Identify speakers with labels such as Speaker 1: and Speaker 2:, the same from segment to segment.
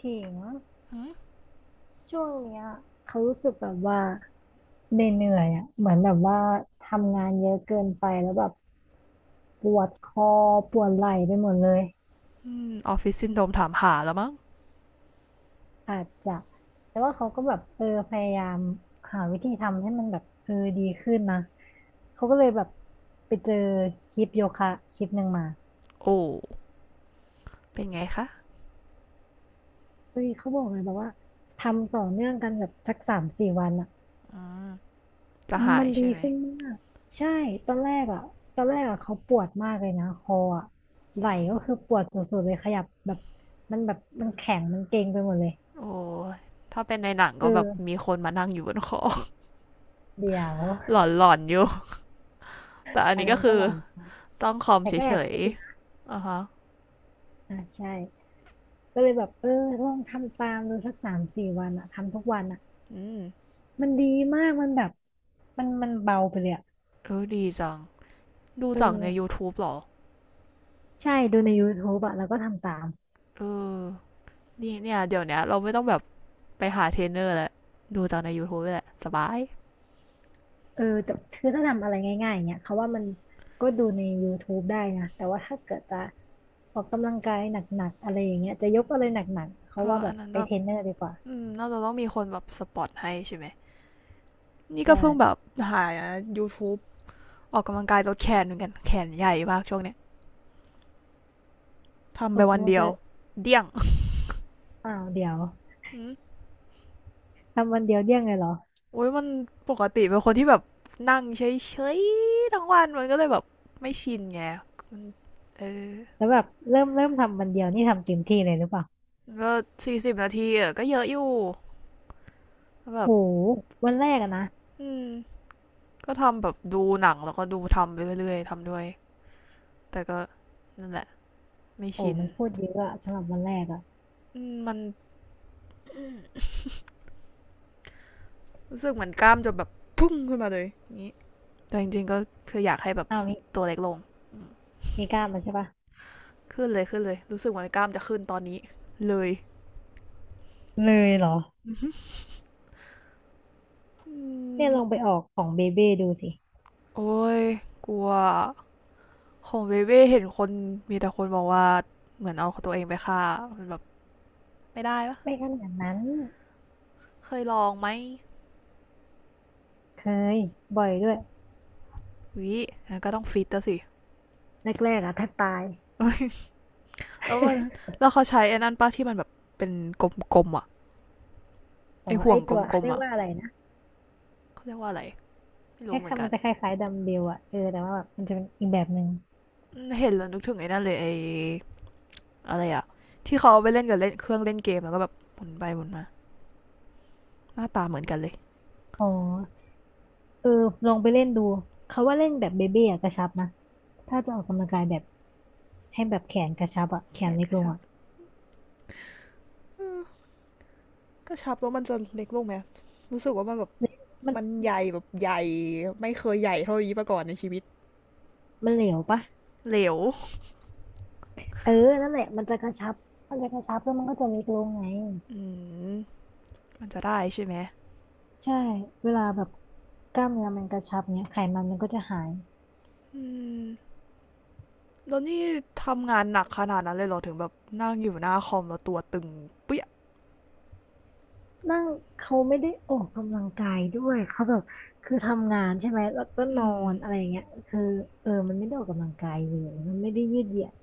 Speaker 1: ถิงช่วงเนี้ยเขารู้สึกแบบว่าเหนื่อยๆอ่ะเหมือนแบบว่าทำงานเยอะเกินไปแล้วแบบปวดคอปวดไหล่ไปหมดเลย
Speaker 2: อืมออฟฟิศซินโดรมถามหาแล้วมั้ง
Speaker 1: อาจจะแต่ว่าเขาก็แบบเออพยายามหาวิธีทำให้มันแบบเออดีขึ้นนะเขาก็เลยแบบไปเจอคลิปโยคะคลิปหนึ่งมา
Speaker 2: โอ้เป็นไงคะ
Speaker 1: เฮ้ยเขาบอกเลยแบบว่าทำต่อเนื่องกันแบบสักสามสี่วันอ่ะ
Speaker 2: อืมจะหา
Speaker 1: มั
Speaker 2: ย
Speaker 1: นดี
Speaker 2: ใช่ไหม
Speaker 1: ขึ้นมากใช่ตอนแรกอ่ะตอนแรกอ่ะเขาปวดมากเลยนะคออ่ะไหล่ก็คือปวดสุดๆเลยขยับแบบมันแข็งมันเกร็งไปหมดเลย
Speaker 2: โอ้ถ้าเป็นในหนัง
Speaker 1: เอ
Speaker 2: ก็แบบ
Speaker 1: อ
Speaker 2: มีคนมานั่งอยู่บนคอ
Speaker 1: เดี๋ยว
Speaker 2: หลอนๆอยู่แต่อัน
Speaker 1: อัน
Speaker 2: นี้ก็
Speaker 1: นั้น
Speaker 2: คื
Speaker 1: ก็
Speaker 2: อ
Speaker 1: หลอน
Speaker 2: จ้องคอม
Speaker 1: แต่ก็แอ
Speaker 2: เฉ
Speaker 1: บ
Speaker 2: ย
Speaker 1: คิดอยู่นะ
Speaker 2: ๆอ่ะฮะ
Speaker 1: อ่ะใช่ก็เลยแบบเออลองทำตามดูสักสามสี่วันอ่ะทำทุกวันอ่ะ
Speaker 2: อืม
Speaker 1: มันดีมากมันแบบมันเบาไปเลยอ่ะ
Speaker 2: เออดีจังดู
Speaker 1: เ
Speaker 2: จากใน
Speaker 1: ออ
Speaker 2: YouTube หรอ
Speaker 1: ใช่ดูใน YouTube อ่ะแล้วก็ทำตาม
Speaker 2: เออนี่เนี่ยเดี๋ยวเนี้ยเราไม่ต้องแบบไปหาเทรนเนอร์แล้วดูจากใน YouTube แหละสบาย
Speaker 1: เออแต่คือถ้าทำอะไรง่ายๆเนี่ยเขาว่ามันก็ดูใน YouTube ได้นะแต่ว่าถ้าเกิดจะออกกำลังกายหนักๆอะไรอย่างเงี้ยจะยกอะไรหนักๆเขา
Speaker 2: เออ
Speaker 1: ว่าแบ
Speaker 2: อั
Speaker 1: บ
Speaker 2: นนั้น
Speaker 1: ไป
Speaker 2: แบ
Speaker 1: เท
Speaker 2: บ
Speaker 1: รนเนอร์ดีกว่า
Speaker 2: อืน่าจะต้องมีคนแบบสปอตให้ใช่ไหมนี่
Speaker 1: ใช่
Speaker 2: ก็เพิ่งแบบหา YouTube ออกกำลังกายลดแขนเหมือนกันแขนใหญ่มากช่วงเนี้ยทำ
Speaker 1: อ
Speaker 2: ไป
Speaker 1: อก
Speaker 2: วัน
Speaker 1: กำลัง
Speaker 2: เดียว
Speaker 1: กาย
Speaker 2: เดี่ยง
Speaker 1: อ้าวเดี๋ยว
Speaker 2: อม
Speaker 1: ทำวันเดียวเดี้ยงเลยเหรอ
Speaker 2: โอ้ยมันปกติเป็นคนที่แบบนั่งเฉยๆทั้งวันมันก็เลยแบบไม่ชินไงเออ
Speaker 1: แล้วแบบเริ่มทำวันเดียวนี่ทำเต็มที่เลยหรือเปล่า
Speaker 2: ก็40นาทีอะก็เยอะอยู่
Speaker 1: โห
Speaker 2: แบบ
Speaker 1: วันแรกอะนะ
Speaker 2: อืมก็ทำแบบดูหนังแล้วก็ดูทำไปเรื่อยๆทำด้วยแต่ก็นั่นแหละไม่
Speaker 1: โอ้
Speaker 2: ชิน
Speaker 1: มันพูดเยอะอะสำหรับวันแรกอะ
Speaker 2: มมันรู้สึกเหมือนกล้ามจะแบบพุ่งขึ้นมาเลยอย่างนี้แต่จริงๆก็คืออยากให้แบบ
Speaker 1: อ้าวมี
Speaker 2: ตัวเล็กลง
Speaker 1: มีกล้ามมาใช่ปะ
Speaker 2: ขึ้นเลยขึ้นเลยรู้สึกเหมือนกล้ามจะขึ้นตอนนี้เลย
Speaker 1: เลยเหรอเนี่ยลองไป
Speaker 2: ม
Speaker 1: ออกของเบเบ้ดูสิ
Speaker 2: โอ้ยกลัวของเวเว่เห็นคนมีแต่คนบอกว่าเหมือนเอาตัวเองไปฆ่ามันแบบไม่ได้ปะ
Speaker 1: ไม่ขนาดนั้น
Speaker 2: เคยลองไหม
Speaker 1: เคยบ่อยด้วย
Speaker 2: วิงั้นก็ต้องฟิตแสิ
Speaker 1: แรกๆอะถ้าตาย
Speaker 2: ้ แล้วมัน แล้วเขาใช้ไอ้นั่นป้าที่มันแบบเป็นกลมๆอ่ะไอ
Speaker 1: อ๋อ
Speaker 2: ห่
Speaker 1: ไอ
Speaker 2: วงก
Speaker 1: ตัว
Speaker 2: ล
Speaker 1: เขา
Speaker 2: ม
Speaker 1: เรี
Speaker 2: ๆ
Speaker 1: ยก
Speaker 2: อ่ะ
Speaker 1: ว่าอะไรนะ
Speaker 2: เขาเรียกว่าอะไรไม่
Speaker 1: แค
Speaker 2: รู้เห
Speaker 1: ค
Speaker 2: มือ
Speaker 1: ล้า
Speaker 2: น
Speaker 1: ยๆ
Speaker 2: กั
Speaker 1: มั
Speaker 2: น
Speaker 1: นจะคล้ายๆดัมเบลอะเออแต่ว่าแบบมันจะเป็นอีกแบบหนึ่ง
Speaker 2: เห็นแล้วนึกถึงไอ้นั่นเลยไออะไรอ่ะที่เขาาไปเล่นกับเล่นเครื่องเล่นเกมแล้วก็แบบหมุนไปหมุนมาหน้าตาเหมือนกันเลย
Speaker 1: อ๋อเออลองไปเล่นดูเขาว่าเล่นแบบเบเบ้อะกระชับนะถ้าจะออกกำลังกายแบบให้แบบแขนกระชับอะแข
Speaker 2: แค
Speaker 1: น
Speaker 2: ท
Speaker 1: เล็ก
Speaker 2: ก็
Speaker 1: ล
Speaker 2: ช
Speaker 1: ง
Speaker 2: อบ
Speaker 1: อะ
Speaker 2: กระชับแล้วมันจะเล็กลงไหมรู้สึกว่ามันแบบ
Speaker 1: มัน
Speaker 2: มันใหญ่แบบใหญ่ไม่เคยใหญ่เท่านี้มาก่อนในชีวิต
Speaker 1: มันเหลวปะ
Speaker 2: เหลว
Speaker 1: เออนั่นแหละมันจะกระชับมันจะกระชับแล้วมันก็จะเล็กลงไง
Speaker 2: อืมมันจะได้ใช่ไหม
Speaker 1: ใช่เวลาแบบกล้ามเนื้อมันกระชับเนี้ยไขมันมันก็จะหาย
Speaker 2: อืมแล้วนี่ทำงานหนักขนาดนั้นเลยเหรอถึงแบบนั่งอยู่หน้าคอมแล้วตัวตึงเปี้ย
Speaker 1: นั่งเขาไม่ได้ออกกำลังกายด้วยเขาแบบคือทำงานใช่ไหมแล้วก็น
Speaker 2: อื
Speaker 1: อ
Speaker 2: ม
Speaker 1: นอะไรอย่างเงี้ยคือเออมันไม่ได้ออกกำลังกายเลยมันไม่ได้ยืดเหยียด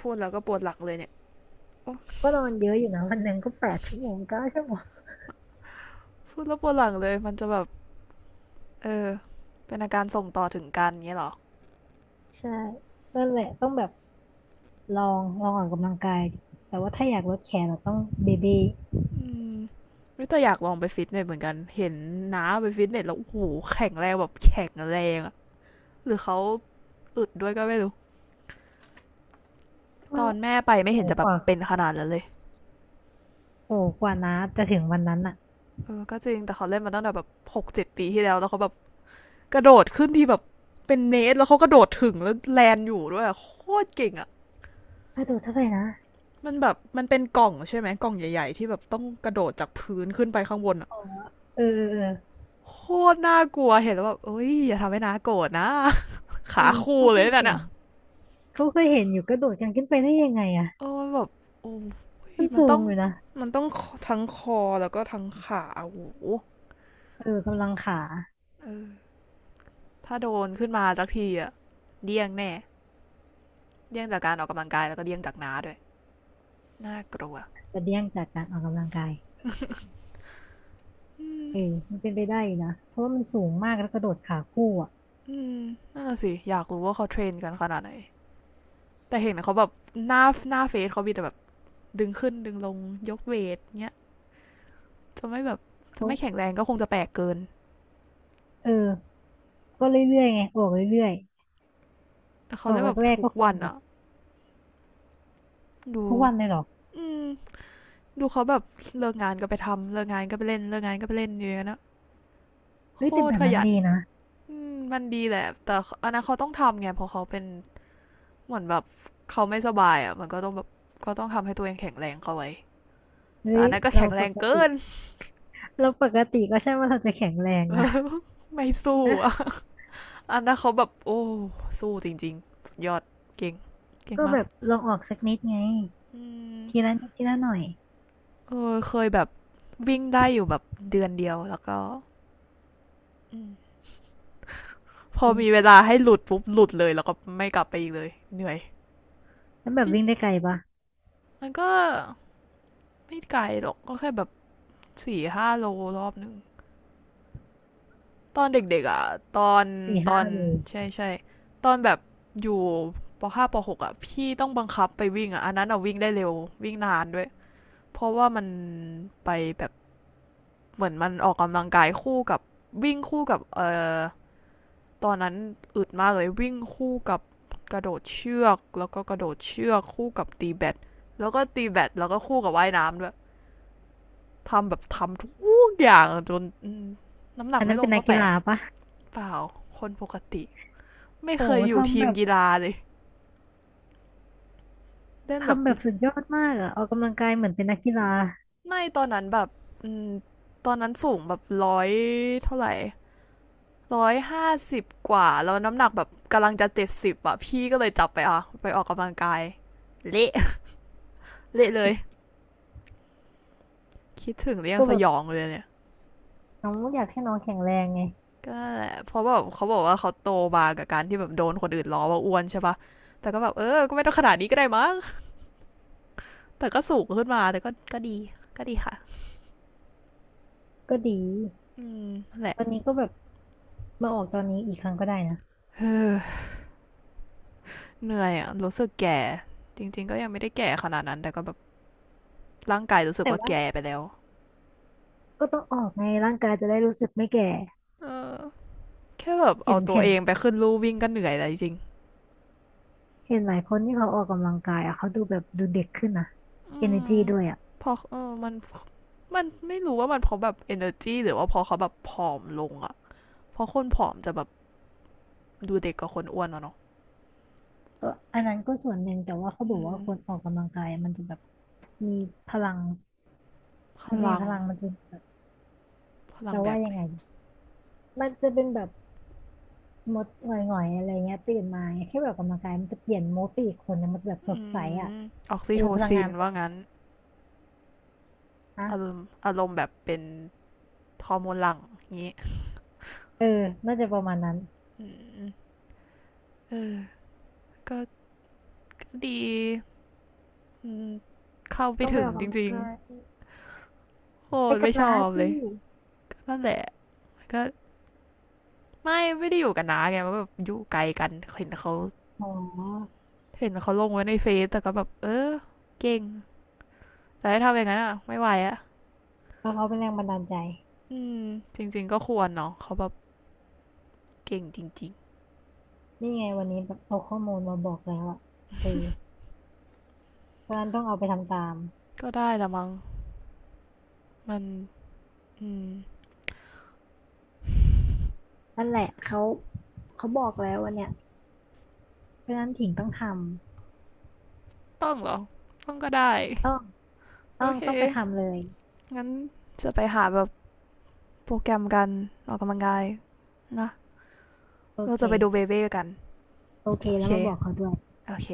Speaker 2: พูดแล้วก็ปวดหลังเลยเนี่ย
Speaker 1: ก็นอนเยอะอยู่นะวันหนึ่งก็แปดชั่วโมงเก้าชั่วโมง
Speaker 2: พูดแล้วปวดหลังเลยมันจะแบบเออเป็นอาการส่งต่อถึงกันเงี้ยหรอ
Speaker 1: ใช่นั่นแหละต้องแบบลองออกกำลังกายดิแต่ว่าถ้าอยากลดแคลเราต้องเบเบ้
Speaker 2: อืมวิต่อยากลองไปฟิตเนสเหมือนกันเห็นน้าไปฟิตเนสแล้วโอ้โหแข็งแรงแบบแข็งแรงอ หรือเขาอึดด้วยก็ไม่รู้ต
Speaker 1: ก็
Speaker 2: อนแม่ไปไม่เห็
Speaker 1: โอ้
Speaker 2: นจะแบ
Speaker 1: ก
Speaker 2: บ
Speaker 1: ว่า
Speaker 2: เป็นขนาดนั้นเลย
Speaker 1: โอ้กว่านะจะถึงวันนั้นอ่ะ
Speaker 2: เออก็จริงแต่เขาเล่นมาตั้งแต่แบบ6-7ปีที่แล้วแล้วเขาแบบกระโดดขึ้นที่แบบเป็นเนสแล้วเขากระโดดถึงแล้วแลนอยู่ด้วยโคตรเก่งอะ
Speaker 1: กระโดดเท่าไหร่นะ
Speaker 2: มันแบบมันเป็นกล่องใช่ไหมกล่องใหญ่ๆที่แบบต้องกระโดดจากพื้นขึ้นไปข้างบนอะ
Speaker 1: อ๋อเออเออเออ
Speaker 2: โคตรน่ากลัวเห็นแล้วแบบเอ้ยอย่าทำให้น้าโกรธนะ
Speaker 1: อื
Speaker 2: ขา
Speaker 1: ม
Speaker 2: คู่
Speaker 1: เขา
Speaker 2: เล
Speaker 1: เค
Speaker 2: ย
Speaker 1: ย
Speaker 2: นั่น
Speaker 1: เห็น
Speaker 2: อะ
Speaker 1: เขาเคยเห็นอยู่กระโดดกันขึ้นไปได้ยังไงอ่ะ
Speaker 2: เออแบบโอ้ย
Speaker 1: มัน
Speaker 2: มัน
Speaker 1: สู
Speaker 2: ต้อ
Speaker 1: ง
Speaker 2: ง
Speaker 1: อยู่นะ
Speaker 2: มันต้องทั้งคอแล้วก็ทั้งขาโอ้โห
Speaker 1: เออกำลังขา
Speaker 2: เออ ถ้าโดนขึ้นมาสักทีอะเดี่ยงแน่เดี่ยงจากการออกกำลังกายแล้วก็เดี่ยงจากน้าด้วยน่ากลัว
Speaker 1: จะเดี้ยงจากการออกกำลังกาย
Speaker 2: อืม
Speaker 1: เออมันเป็นไปได้อยู่นะเพราะว่ามันสูงมากแล้วกระโดดขาคู่อ่ะ
Speaker 2: อืมนั่นน่ะสิอยากรู้ว่าเขาเทรนกันขนาดไหนแต่เห็นเขาแบบหน้าหน้าเฟซเขามีแต่แบบดึงขึ้นดึงลงยกเวทเนี้ยจะไม่แบบจะ
Speaker 1: เขา
Speaker 2: ไม่แข็งแรงก็คงจะแปลกเกิน
Speaker 1: เออก็เรื่อยๆไงออกเรื่อย
Speaker 2: แต่
Speaker 1: ๆ
Speaker 2: เขา
Speaker 1: ออก
Speaker 2: เล่นแบบ
Speaker 1: แรก
Speaker 2: ทุ
Speaker 1: ๆ
Speaker 2: ก
Speaker 1: ก็ค
Speaker 2: วั
Speaker 1: ง
Speaker 2: น
Speaker 1: แบบ
Speaker 2: อะดู
Speaker 1: ทุกวันเลยหรอก
Speaker 2: อืมดูเขาแบบเลิกงานก็ไปทำเลิกงานก็ไปเล่นเลิกงานก็ไปเล่นอย่างเงี้ยนะโค
Speaker 1: เฮ้ยแต่
Speaker 2: ต
Speaker 1: แบ
Speaker 2: ร
Speaker 1: บ
Speaker 2: ข
Speaker 1: นั้น
Speaker 2: ยัน
Speaker 1: ดีนะ
Speaker 2: อืมมันดีแหละแต่อันนั้นเขาต้องทำไงเพราะเขาเป็น เหมือนแบบเขาไม่สบายอ่ะมันก็ต้องแบบก็ต้องทำให้ตัวเองแข็งแรงเข้าไว้แต่
Speaker 1: เฮ้
Speaker 2: อั
Speaker 1: ย
Speaker 2: นนั้นก็
Speaker 1: เรา
Speaker 2: แข็งแร
Speaker 1: ป
Speaker 2: ง
Speaker 1: ก
Speaker 2: เกิ
Speaker 1: ติ
Speaker 2: น
Speaker 1: เราปกติก็ใช่ว่าเราจะแข็งแรงนะ
Speaker 2: ไม่ สู้อ่ะ
Speaker 1: เอ๊ะ
Speaker 2: อันนั้นเขาแบบโอ้สู้จริงๆสุดยอดเก่งเก่ง
Speaker 1: ก็
Speaker 2: มา
Speaker 1: แบ
Speaker 2: ก
Speaker 1: บลองออกสักนิดไง
Speaker 2: อืม
Speaker 1: ทีละนิดทีละหน่อย
Speaker 2: เออเคยแบบวิ่งได้อยู่แบบเดือนเดียวแล้วก็มพอมีเว
Speaker 1: เอื
Speaker 2: ลาให้หลุดปุ๊บหลุดเลยแล้วก็ไม่กลับไปอีกเลยเหนื่อย
Speaker 1: แล้วแบบวิ่ง
Speaker 2: ม
Speaker 1: ได้ไกลปะ
Speaker 2: มันก็ไม่ไกลหรอกก็แค่แบบ4-5โลรอบหนึ่ง ตอนเด็กๆอ่ะตอน
Speaker 1: สี่
Speaker 2: ตอ
Speaker 1: ห้า
Speaker 2: น
Speaker 1: โล
Speaker 2: ใช่ใช่ตอนแบบอยู่ปห้าปหกอ่ะพี่ต้องบังคับไปวิ่งอ่ะอันนั้นอ่ะวิ่งได้เร็ววิ่งนานด้วยเพราะว่ามันไปแบบเหมือนมันออกกำลังกายคู่กับวิ่งคู่กับอตอนนั้นอึดมากเลยวิ่งคู่กับกระโดดเชือกแล้วก็กระโดดเชือกคู่กับตีแบดแล้วก็ตีแบดแล้วก็คู่กับว่ายน้ำด้วยทำแบบทำทุกอย่างจนอืมน้ำหนัก
Speaker 1: อัน
Speaker 2: ไม่
Speaker 1: นั้น
Speaker 2: ล
Speaker 1: เป็
Speaker 2: ง
Speaker 1: นนั
Speaker 2: ก็
Speaker 1: ก
Speaker 2: แป
Speaker 1: กี
Speaker 2: ลก
Speaker 1: ฬาปะ
Speaker 2: เปล่าคนปกติ ไม่
Speaker 1: โอ้
Speaker 2: เค
Speaker 1: โห
Speaker 2: ยอยู่
Speaker 1: ทำ
Speaker 2: ที
Speaker 1: แบ
Speaker 2: ม
Speaker 1: บ
Speaker 2: กีฬาเลยเล่นแบบ
Speaker 1: ทำแบบสุดยอดมากอะออกกำลังกายเหมือนเป็นนักกีฬา
Speaker 2: ไม่ตอนนั้นแบบตอนนั้นสูงแบบร้อยเท่าไหร่150กว่าแล้วน้ำหนักแบบกำลังจะ70อ่ะพี่ก็เลยจับไปอ่ะไปออกกำลังกายเละ เละเลยคิดถึงแล้วยัง
Speaker 1: ก็
Speaker 2: ส
Speaker 1: แบบ
Speaker 2: ยองเลยเนี่ย
Speaker 1: น้องอยากให้น้องแข็งแรงไง
Speaker 2: ก็ันแหละเพราะแบบเขาบอกว่าเขาโตมากับการที่แบบโดนคนอื่นล้อว่าอ้วนใช่ปะแต่ก็แบบเออก็ไม่ต้องขนาดนี้ก็ได้มั้งแต่ก็สูงขึ้นมาแต่ก็ก็ดีก็ดีค่ะ
Speaker 1: ก็ดี
Speaker 2: อืมนั่นแหละ
Speaker 1: ตอนนี้ก็แบบมาออกตอนนี้อีกครั้งก็ได้นะ
Speaker 2: เออ เหนื่อยอ่ะรู้สึกแก่จริงๆก็ยังไม่ได้แก่ขนาดนั้นแต่ก็แบบร่างกายรู้สึก
Speaker 1: แต่
Speaker 2: ว่า
Speaker 1: ว่า
Speaker 2: แก่ไปแล้ว
Speaker 1: ก็ต้องออกไงร่างกายจะได้รู้สึกไม่แก่
Speaker 2: เออแค่แบบ
Speaker 1: เห็
Speaker 2: เอา
Speaker 1: น
Speaker 2: ตัว
Speaker 1: เห็น
Speaker 2: เองไปขึ้นลู่วิ่งก็เหนื่อยแล้วจริง
Speaker 1: เห็นหลายคนที่เขาออกกำลังกายอ่ะเขาดูแบบดูเด็กขึ้นนะ
Speaker 2: ๆอืม
Speaker 1: energy ด้วยอ่ะ
Speaker 2: พอเออมันไม่รู้ว่ามันเพราะแบบ energy หรือว่าพอเขาแบบผอมลงอ่ะเพราะคนผอมจะแบบดูเด็กกว่าคนอ้วนอะเนาะ
Speaker 1: ก็อันนั้นก็ส่วนหนึ่งแต่ว่าเขา
Speaker 2: อื
Speaker 1: บอกว่า
Speaker 2: ม
Speaker 1: คนออกกำลังกายมันจะแบบมีพลัง
Speaker 2: พ
Speaker 1: มันจะมี
Speaker 2: ลั
Speaker 1: พ
Speaker 2: ง
Speaker 1: ลังมันจะแบบ
Speaker 2: พลัง
Speaker 1: จะ
Speaker 2: แบ
Speaker 1: ว่า
Speaker 2: บ
Speaker 1: ยั
Speaker 2: ไหน
Speaker 1: งไงมันจะเป็นแบบมดหงอยๆอะไรเงี้ยตื่นมาแค่แบบออกกำลังกายมันจะเปลี่ยนโมดไปอีกคนนึงมันจะแบบส
Speaker 2: อื
Speaker 1: ดใสอ่ะ
Speaker 2: มออกซิ
Speaker 1: เออ
Speaker 2: โท
Speaker 1: พลัง
Speaker 2: ซิ
Speaker 1: งาน
Speaker 2: น
Speaker 1: มันจะ
Speaker 2: ว่า
Speaker 1: สด
Speaker 2: งั้น
Speaker 1: ใสนะ
Speaker 2: อารมณ์แบบเป็นฮอร์โมนหลัง่งงี้
Speaker 1: เออน่าจะประมาณนั้น
Speaker 2: อืมเออก็ดี อืมเข้าไป
Speaker 1: ต้องไป
Speaker 2: ถึง
Speaker 1: ออก
Speaker 2: จ
Speaker 1: กำลัง
Speaker 2: ริง
Speaker 1: กาย
Speaker 2: ๆโค
Speaker 1: ไป
Speaker 2: ตร
Speaker 1: กั
Speaker 2: ไม่
Speaker 1: บ
Speaker 2: ช
Speaker 1: น้า
Speaker 2: อบ
Speaker 1: สิ
Speaker 2: เลยนั่นแหละก็ไม่ ได้อยู่กันนะไงมันก็แบบอยู่ไกลกันเห็นเขา
Speaker 1: อ๋อ
Speaker 2: ลงไว้ในเฟซแต่ก็แบบเออ เก่งแต่ถ้าทำอย่างนั้นอ่ะไม่ไหวอ่ะ
Speaker 1: เพราะเขาเป็นแรงบันดาลใจ
Speaker 2: อืมจริงๆก็ควรเนาะเขาแบบเก่งจริง
Speaker 1: นี่ไงวันนี้แบบเอาข้อมูลมาบอกแล้วอ่ะเออเพราะฉะนั้นต้องเอาไปทำตาม
Speaker 2: ๆก็ได้ละมั้งมันอืม
Speaker 1: นั่นแหละเขาบอกแล้ววันเนี้ยเพราะฉะนั้นถิงต้องท
Speaker 2: ต้องเหรอต้องก็ได้
Speaker 1: ำต้อง
Speaker 2: โอ
Speaker 1: ต้อง
Speaker 2: เค
Speaker 1: ต้องไปทำเลย
Speaker 2: งั้นจะไปหาแบบโปรแกรมกันออกกำลังกาย นะ
Speaker 1: โอ
Speaker 2: เรา
Speaker 1: เค
Speaker 2: จะไปดูเบเบ้กัน
Speaker 1: โอเค
Speaker 2: โอ
Speaker 1: แล้
Speaker 2: เค
Speaker 1: วมาบอกเขาด้วย
Speaker 2: โอเค